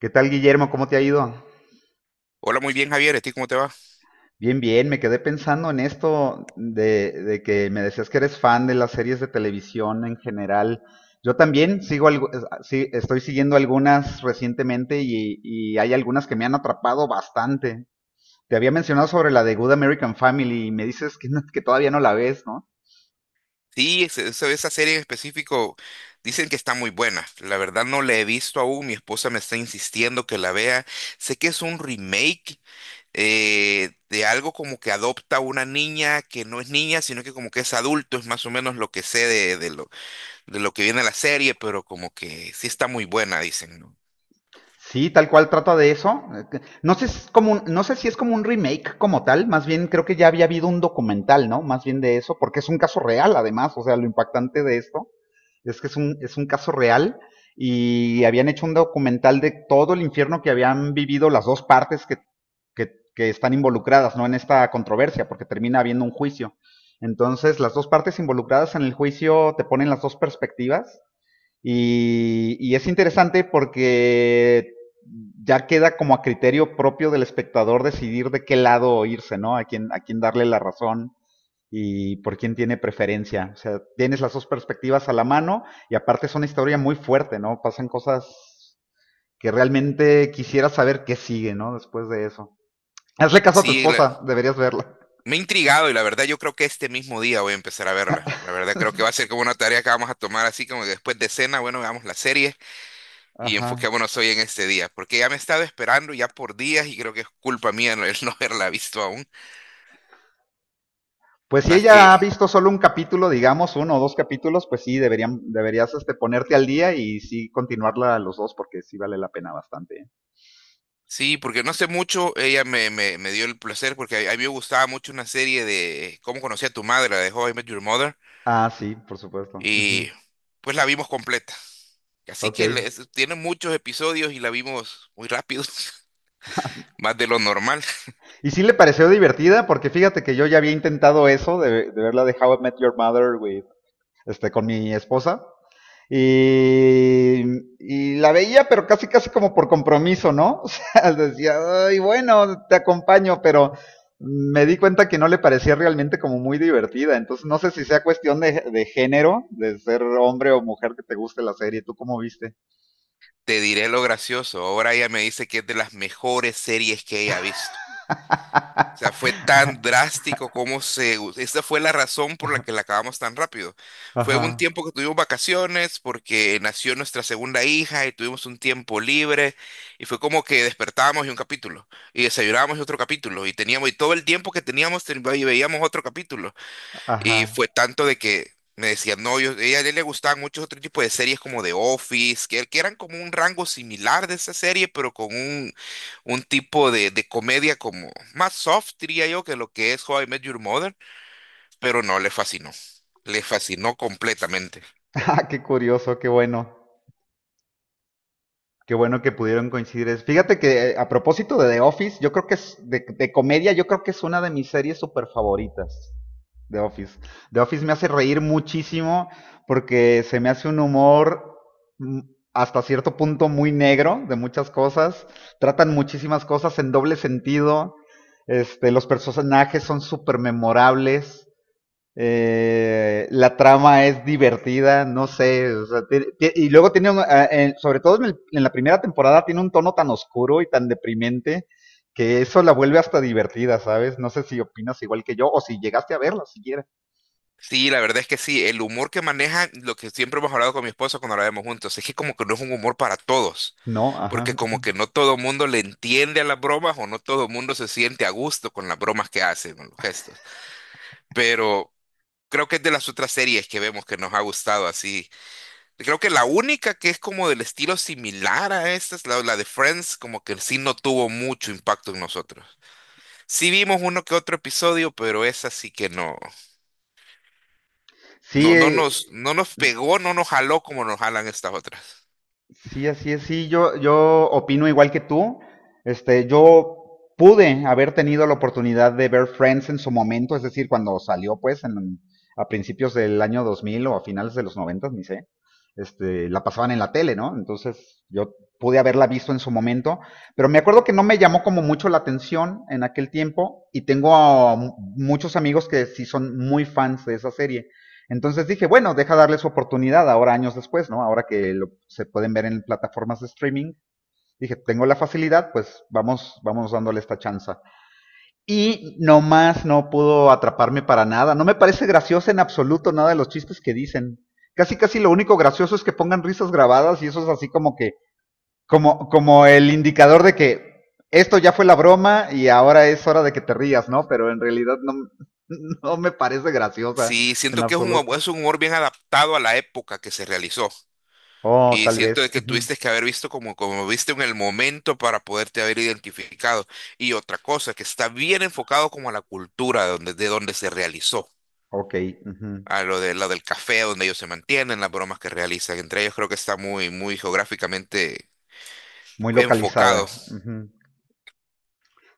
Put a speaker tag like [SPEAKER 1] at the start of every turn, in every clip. [SPEAKER 1] ¿Qué tal, Guillermo? ¿Cómo te ha ido?
[SPEAKER 2] Hola, muy bien, Javier. ¿A ti cómo te va?
[SPEAKER 1] Bien, bien, me quedé pensando en esto de que me decías que eres fan de las series de televisión en general. Yo también sigo algo, ah, sí, estoy siguiendo algunas recientemente y hay algunas que me han atrapado bastante. Te había mencionado sobre la de Good American Family y me dices que, que todavía no la ves, ¿no?
[SPEAKER 2] Esa, esa serie en específico dicen que está muy buena. La verdad no la he visto aún. Mi esposa me está insistiendo que la vea. Sé que es un remake de algo como que adopta una niña que no es niña, sino que como que es adulto. Es más o menos lo que sé de lo que viene la serie, pero como que sí está muy buena, dicen, ¿no?
[SPEAKER 1] Sí, tal cual trata de eso. No sé, si es como no sé si es como un remake como tal, más bien creo que ya había habido un documental, ¿no? Más bien de eso, porque es un caso real además, o sea, lo impactante de esto es que es un caso real y habían hecho un documental de todo el infierno que habían vivido las dos partes que están involucradas, ¿no? En esta controversia, porque termina habiendo un juicio. Entonces, las dos partes involucradas en el juicio te ponen las dos perspectivas y es interesante porque ya queda como a criterio propio del espectador decidir de qué lado irse, ¿no? A quién darle la razón y por quién tiene preferencia. O sea, tienes las dos perspectivas a la mano y aparte es una historia muy fuerte, ¿no? Pasan cosas que realmente quisiera saber qué sigue, ¿no? Después de eso. Hazle caso a tu
[SPEAKER 2] Sí, la-
[SPEAKER 1] esposa, deberías verla.
[SPEAKER 2] Me he intrigado y la verdad yo creo que este mismo día voy a empezar a verla. La verdad creo que va a ser como una tarea que vamos a tomar así como que después de cena, bueno, veamos la serie. Y
[SPEAKER 1] Ajá.
[SPEAKER 2] enfoquémonos hoy en este día, porque ya me he estado esperando ya por días y creo que es culpa mía no, el no haberla visto aún.
[SPEAKER 1] Pues si
[SPEAKER 2] Más
[SPEAKER 1] ella ha
[SPEAKER 2] que
[SPEAKER 1] visto solo un capítulo, digamos, uno o dos capítulos, pues sí, deberían, deberías este, ponerte al día y sí continuarla los dos porque sí vale la pena bastante. ¿Eh?
[SPEAKER 2] sí, porque no sé mucho, ella me dio el placer porque a mí me gustaba mucho una serie de Cómo conocí a tu madre, la de How I Met Your Mother,
[SPEAKER 1] Ah, sí, por supuesto.
[SPEAKER 2] y
[SPEAKER 1] Ujú.
[SPEAKER 2] pues la vimos completa. Así
[SPEAKER 1] Ok.
[SPEAKER 2] que le- es- Tiene muchos episodios y la vimos muy rápido, más de lo normal.
[SPEAKER 1] Y sí le pareció divertida porque fíjate que yo ya había intentado eso de verla de How I Met Your Mother with este, con mi esposa. Y, y la veía, pero casi, casi como por compromiso, ¿no? O sea, decía, ay, bueno, te acompaño, pero me di cuenta que no le parecía realmente como muy divertida. Entonces, no sé si sea cuestión de género, de ser hombre o mujer que te guste la serie. ¿Tú cómo viste?
[SPEAKER 2] Te diré lo gracioso. Ahora ella me dice que es de las mejores series que ella ha visto. O sea, fue tan drástico como se... Esa fue la razón por la que la acabamos tan rápido. Fue un
[SPEAKER 1] Ajá,
[SPEAKER 2] tiempo que tuvimos vacaciones porque nació nuestra segunda hija y tuvimos un tiempo libre, y fue como que despertábamos y un capítulo, y desayunábamos y otro capítulo y teníamos y todo el tiempo que y veíamos otro capítulo.
[SPEAKER 1] ajá.
[SPEAKER 2] Y fue tanto de que me decían, no, yo, a él le gustaban muchos otros tipos de series como The Office, que eran como un rango similar de esa serie, pero con un tipo de comedia como más soft, diría yo, que lo que es How I Met Your Mother, pero no, le fascinó completamente.
[SPEAKER 1] Ah, qué curioso, qué bueno. Qué bueno que pudieron coincidir. Fíjate que a propósito de The Office, yo creo que es de comedia, yo creo que es una de mis series súper favoritas. The Office. The Office me hace reír muchísimo porque se me hace un humor mm, hasta cierto punto muy negro de muchas cosas. Tratan muchísimas cosas en doble sentido. Este, los personajes son súper memorables. La trama es divertida, no sé, o sea, y luego tiene, sobre todo en, en la primera temporada, tiene un tono tan oscuro y tan deprimente que eso la vuelve hasta divertida, ¿sabes? No sé si opinas igual que yo o si llegaste a verla siquiera.
[SPEAKER 2] Sí, la verdad es que sí, el humor que maneja, lo que siempre hemos hablado con mi esposa cuando la vemos juntos, es que como que no es un humor para todos,
[SPEAKER 1] No,
[SPEAKER 2] porque
[SPEAKER 1] ajá.
[SPEAKER 2] como que no todo mundo le entiende a las bromas o no todo mundo se siente a gusto con las bromas que hacen, con los gestos. Pero creo que es de las otras series que vemos que nos ha gustado así. Creo que la única que es como del estilo similar a esta es la de Friends, como que sí no tuvo mucho impacto en nosotros. Sí vimos uno que otro episodio, pero esa sí que
[SPEAKER 1] Sí,
[SPEAKER 2] no
[SPEAKER 1] eh,
[SPEAKER 2] nos pegó, no nos jaló como nos jalan estas otras.
[SPEAKER 1] Sí, así es, sí, yo opino igual que tú. Este, yo pude haber tenido la oportunidad de ver Friends en su momento, es decir, cuando salió, pues, a principios del año 2000 o a finales de los 90, ni sé. Este, la pasaban en la tele, ¿no? Entonces, yo pude haberla visto en su momento, pero me acuerdo que no me llamó como mucho la atención en aquel tiempo y tengo a muchos amigos que sí son muy fans de esa serie. Entonces dije, bueno, deja darle su oportunidad ahora años después, ¿no? Ahora que lo, se pueden ver en plataformas de streaming, dije, tengo la facilidad, pues vamos, vamos dándole esta chance. Y nomás no pudo atraparme para nada. No me parece graciosa en absoluto nada de los chistes que dicen. Casi, casi lo único gracioso es que pongan risas grabadas y eso es así como que, como el indicador de que esto ya fue la broma y ahora es hora de que te rías, ¿no? Pero en realidad no, no me parece graciosa
[SPEAKER 2] Sí,
[SPEAKER 1] en
[SPEAKER 2] siento que es
[SPEAKER 1] absoluto.
[SPEAKER 2] es un humor bien adaptado a la época que se realizó.
[SPEAKER 1] Oh,
[SPEAKER 2] Y
[SPEAKER 1] tal
[SPEAKER 2] siento de
[SPEAKER 1] vez.
[SPEAKER 2] que
[SPEAKER 1] Ujú.
[SPEAKER 2] tuviste que haber visto como, como viste en el momento para poderte haber identificado. Y otra cosa, que está bien enfocado como a la cultura de donde se realizó,
[SPEAKER 1] Ok. Ujú.
[SPEAKER 2] a lo de lo del café donde ellos se mantienen, las bromas que realizan. Entre ellos creo que está muy, muy geográficamente
[SPEAKER 1] Muy
[SPEAKER 2] enfocado.
[SPEAKER 1] localizada. Ujú.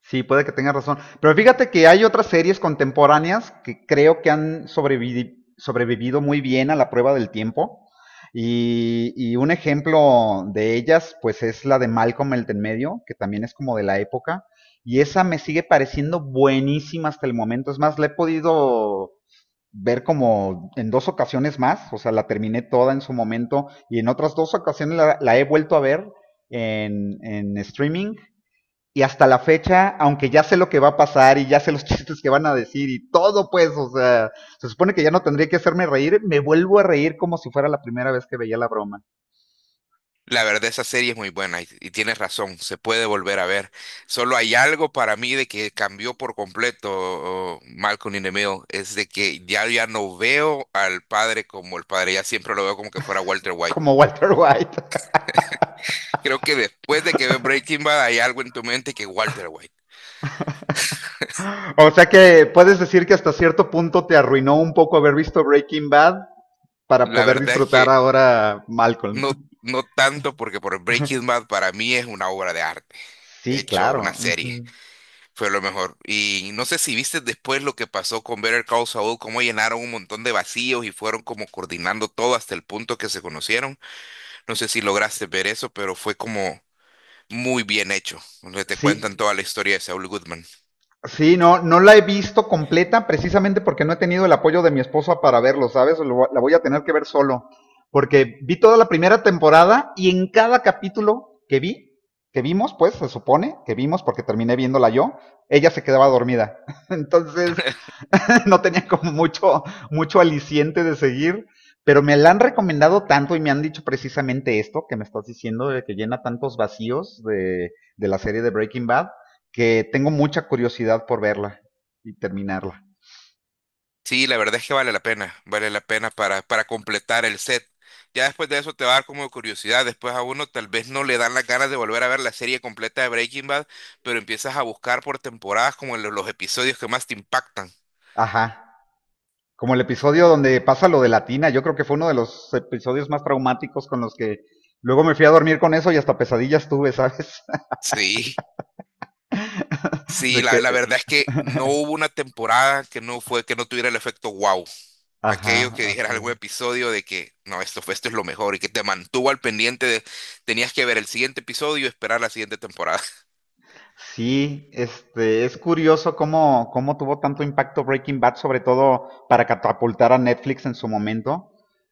[SPEAKER 1] Sí, puede que tengas razón. Pero fíjate que hay otras series contemporáneas que creo que han sobrevivido muy bien a la prueba del tiempo. Y un ejemplo de ellas, pues es la de Malcolm el de en medio, que también es como de la época. Y esa me sigue pareciendo buenísima hasta el momento. Es más, la he podido ver como en dos ocasiones más, o sea, la terminé toda en su momento y en otras dos ocasiones la he vuelto a ver en streaming y hasta la fecha, aunque ya sé lo que va a pasar y ya sé los chistes que van a decir y todo, pues, o sea, se supone que ya no tendría que hacerme reír, me vuelvo a reír como si fuera la primera vez que veía la broma,
[SPEAKER 2] La verdad, esa serie es muy buena y tienes razón, se puede volver a ver. Solo hay algo para mí de que cambió por completo, oh, Malcolm in the Middle, es de que ya, ya no veo al padre como el padre, ya siempre lo veo como que fuera Walter White.
[SPEAKER 1] como Walter White.
[SPEAKER 2] Creo que después de que ves Breaking Bad hay algo en tu mente que Walter White.
[SPEAKER 1] O sea que puedes decir que hasta cierto punto te arruinó un poco haber visto Breaking Bad para
[SPEAKER 2] La
[SPEAKER 1] poder
[SPEAKER 2] verdad es
[SPEAKER 1] disfrutar
[SPEAKER 2] que
[SPEAKER 1] ahora Malcolm.
[SPEAKER 2] no, no tanto porque por Breaking Bad para mí es una obra de arte,
[SPEAKER 1] Sí,
[SPEAKER 2] hecho una
[SPEAKER 1] claro.
[SPEAKER 2] serie.
[SPEAKER 1] Ujú.
[SPEAKER 2] Fue lo mejor. Y no sé si viste después lo que pasó con Better Call Saul, cómo llenaron un montón de vacíos y fueron como coordinando todo hasta el punto que se conocieron. No sé si lograste ver eso, pero fue como muy bien hecho, donde te
[SPEAKER 1] Sí,
[SPEAKER 2] cuentan toda la historia de Saul Goodman.
[SPEAKER 1] sí, no, no la he visto completa precisamente porque no he tenido el apoyo de mi esposa para verlo, ¿sabes? La voy a tener que ver solo. Porque vi toda la primera temporada y en cada capítulo que vi, que vimos, pues se supone que vimos porque terminé viéndola yo, ella se quedaba dormida. Entonces, no tenía como mucho, mucho aliciente de seguir, pero me la han recomendado tanto y me han dicho precisamente esto que me estás diciendo, de que llena tantos vacíos de, la serie de Breaking Bad, que tengo mucha curiosidad por verla y terminarla.
[SPEAKER 2] Sí, la verdad es que vale la pena para completar el set. Ya después de eso te va a dar como curiosidad, después a uno tal vez no le dan las ganas de volver a ver la serie completa de Breaking Bad, pero empiezas a buscar por temporadas como los episodios que más te impactan.
[SPEAKER 1] Ajá. Como el episodio donde pasa lo de la tina yo creo que fue uno de los episodios más traumáticos con los que luego me fui a dormir con eso y hasta pesadillas tuve, ¿sabes?
[SPEAKER 2] Sí.
[SPEAKER 1] De
[SPEAKER 2] Sí,
[SPEAKER 1] que,
[SPEAKER 2] la verdad es que no hubo una temporada que no fue, que no tuviera el efecto wow. Aquello
[SPEAKER 1] ajá,
[SPEAKER 2] que
[SPEAKER 1] así
[SPEAKER 2] dijeras algún
[SPEAKER 1] es.
[SPEAKER 2] episodio de que no, esto fue, esto es lo mejor y que te mantuvo al pendiente de, tenías que ver el siguiente episodio y esperar la siguiente temporada.
[SPEAKER 1] Sí, este, es curioso cómo tuvo tanto impacto Breaking Bad, sobre todo para catapultar a Netflix en su momento.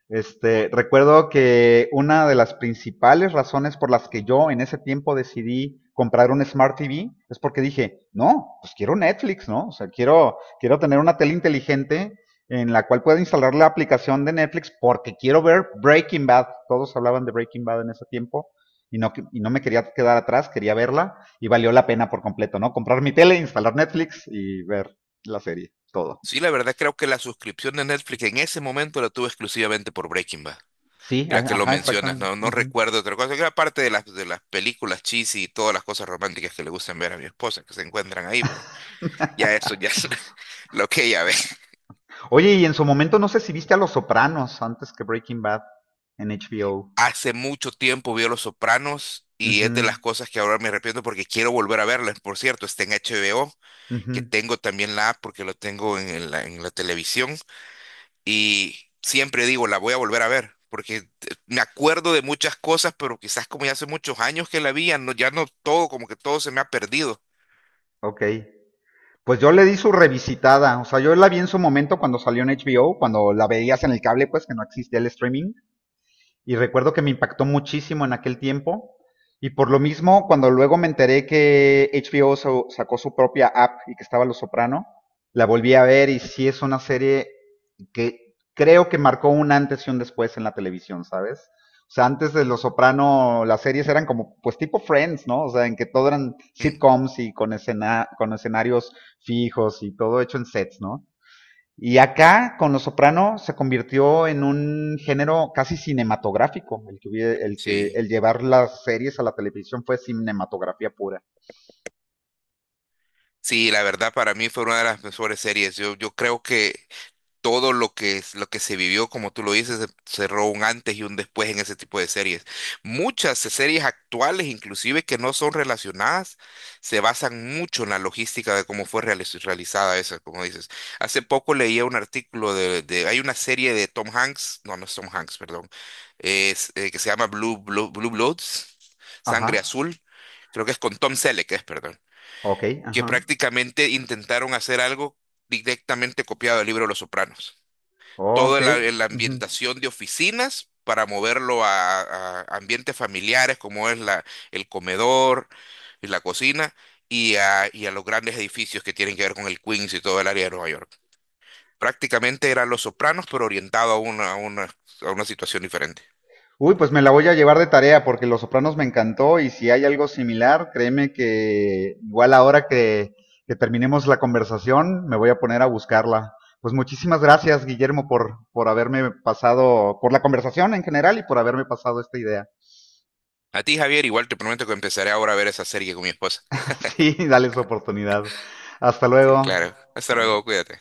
[SPEAKER 1] Este, recuerdo que una de las principales razones por las que yo en ese tiempo decidí comprar un Smart TV es porque dije, no, pues quiero Netflix, ¿no? O sea, quiero tener una tele inteligente en la cual pueda instalar la aplicación de Netflix porque quiero ver Breaking Bad. Todos hablaban de Breaking Bad en ese tiempo y no, que y no me quería quedar atrás, quería verla y valió la pena por completo, ¿no? Comprar mi tele, instalar Netflix y ver la serie, todo.
[SPEAKER 2] Sí, la verdad creo que la suscripción de Netflix en ese momento la tuve exclusivamente por Breaking Bad.
[SPEAKER 1] Sí,
[SPEAKER 2] La que lo
[SPEAKER 1] ajá,
[SPEAKER 2] mencionas,
[SPEAKER 1] exactamente.
[SPEAKER 2] no, no
[SPEAKER 1] Uh -huh.
[SPEAKER 2] recuerdo otra cosa, que era parte de de las películas cheesy y todas las cosas románticas que le gustan ver a mi esposa, que se encuentran ahí, pero ya eso ya lo que ella ve.
[SPEAKER 1] Oye, y en su momento no sé si viste a Los Sopranos antes que Breaking Bad en HBO.
[SPEAKER 2] Hace mucho tiempo vio Los Sopranos
[SPEAKER 1] Uh
[SPEAKER 2] y es de
[SPEAKER 1] -huh,
[SPEAKER 2] las cosas que ahora me arrepiento porque quiero volver a verlas. Por cierto, está en HBO,
[SPEAKER 1] uh
[SPEAKER 2] que
[SPEAKER 1] -huh,
[SPEAKER 2] tengo también la app porque lo tengo en en la televisión, y siempre digo, la voy a volver a ver porque me acuerdo de muchas cosas, pero quizás como ya hace muchos años que la vi, ya no todo, como que todo se me ha perdido.
[SPEAKER 1] ok. Pues yo le di su revisitada, o sea, yo la vi en su momento cuando salió en HBO, cuando la veías en el cable, pues que no existía el streaming, y recuerdo que me impactó muchísimo en aquel tiempo. Y por lo mismo, cuando luego me enteré que HBO sacó su propia app y que estaba Los Soprano, la volví a ver y sí es una serie que creo que marcó un antes y un después en la televisión, ¿sabes? O sea, antes de Los Soprano, las series eran como, pues tipo Friends, ¿no? O sea, en que todo eran
[SPEAKER 2] Mm,
[SPEAKER 1] sitcoms y con, escena, con escenarios fijos y todo hecho en sets, ¿no? Y acá, con Los Soprano, se convirtió en un género casi cinematográfico. El que
[SPEAKER 2] sí,
[SPEAKER 1] el llevar las series a la televisión fue cinematografía pura.
[SPEAKER 2] sí, la verdad para mí fue una de las mejores series. Yo creo que todo lo que, lo que se vivió, como tú lo dices, se- cerró un antes y un después en ese tipo de series. Muchas series actuales, inclusive que no son relacionadas, se basan mucho en la logística de cómo fue realizada esa, como dices. Hace poco leía un artículo hay una serie de Tom Hanks, no, no es Tom Hanks, perdón, es, que se llama Blue Bloods, Sangre
[SPEAKER 1] Ajá.
[SPEAKER 2] Azul, creo que es con Tom Selleck, es, perdón,
[SPEAKER 1] Ok,
[SPEAKER 2] que
[SPEAKER 1] ajá.
[SPEAKER 2] prácticamente intentaron hacer algo directamente copiado del libro Los Sopranos,
[SPEAKER 1] Ok.
[SPEAKER 2] toda la, la
[SPEAKER 1] Ujú.
[SPEAKER 2] ambientación de oficinas para moverlo a ambientes familiares como es el comedor y la cocina y y a los grandes edificios que tienen que ver con el Queens y todo el área de Nueva York. Prácticamente eran Los Sopranos, pero orientado a a una situación diferente.
[SPEAKER 1] Uy, pues me la voy a llevar de tarea porque Los Sopranos me encantó y si hay algo similar, créeme que igual ahora que, terminemos la conversación, me voy a poner a buscarla. Pues muchísimas gracias, Guillermo, por haberme pasado, por la conversación en general y por haberme pasado esta idea.
[SPEAKER 2] A ti, Javier, igual te prometo que empezaré ahora a ver esa serie con mi esposa.
[SPEAKER 1] Sí, dale su oportunidad. Hasta
[SPEAKER 2] Sí,
[SPEAKER 1] luego.
[SPEAKER 2] claro. Hasta luego,
[SPEAKER 1] Bye.
[SPEAKER 2] cuídate.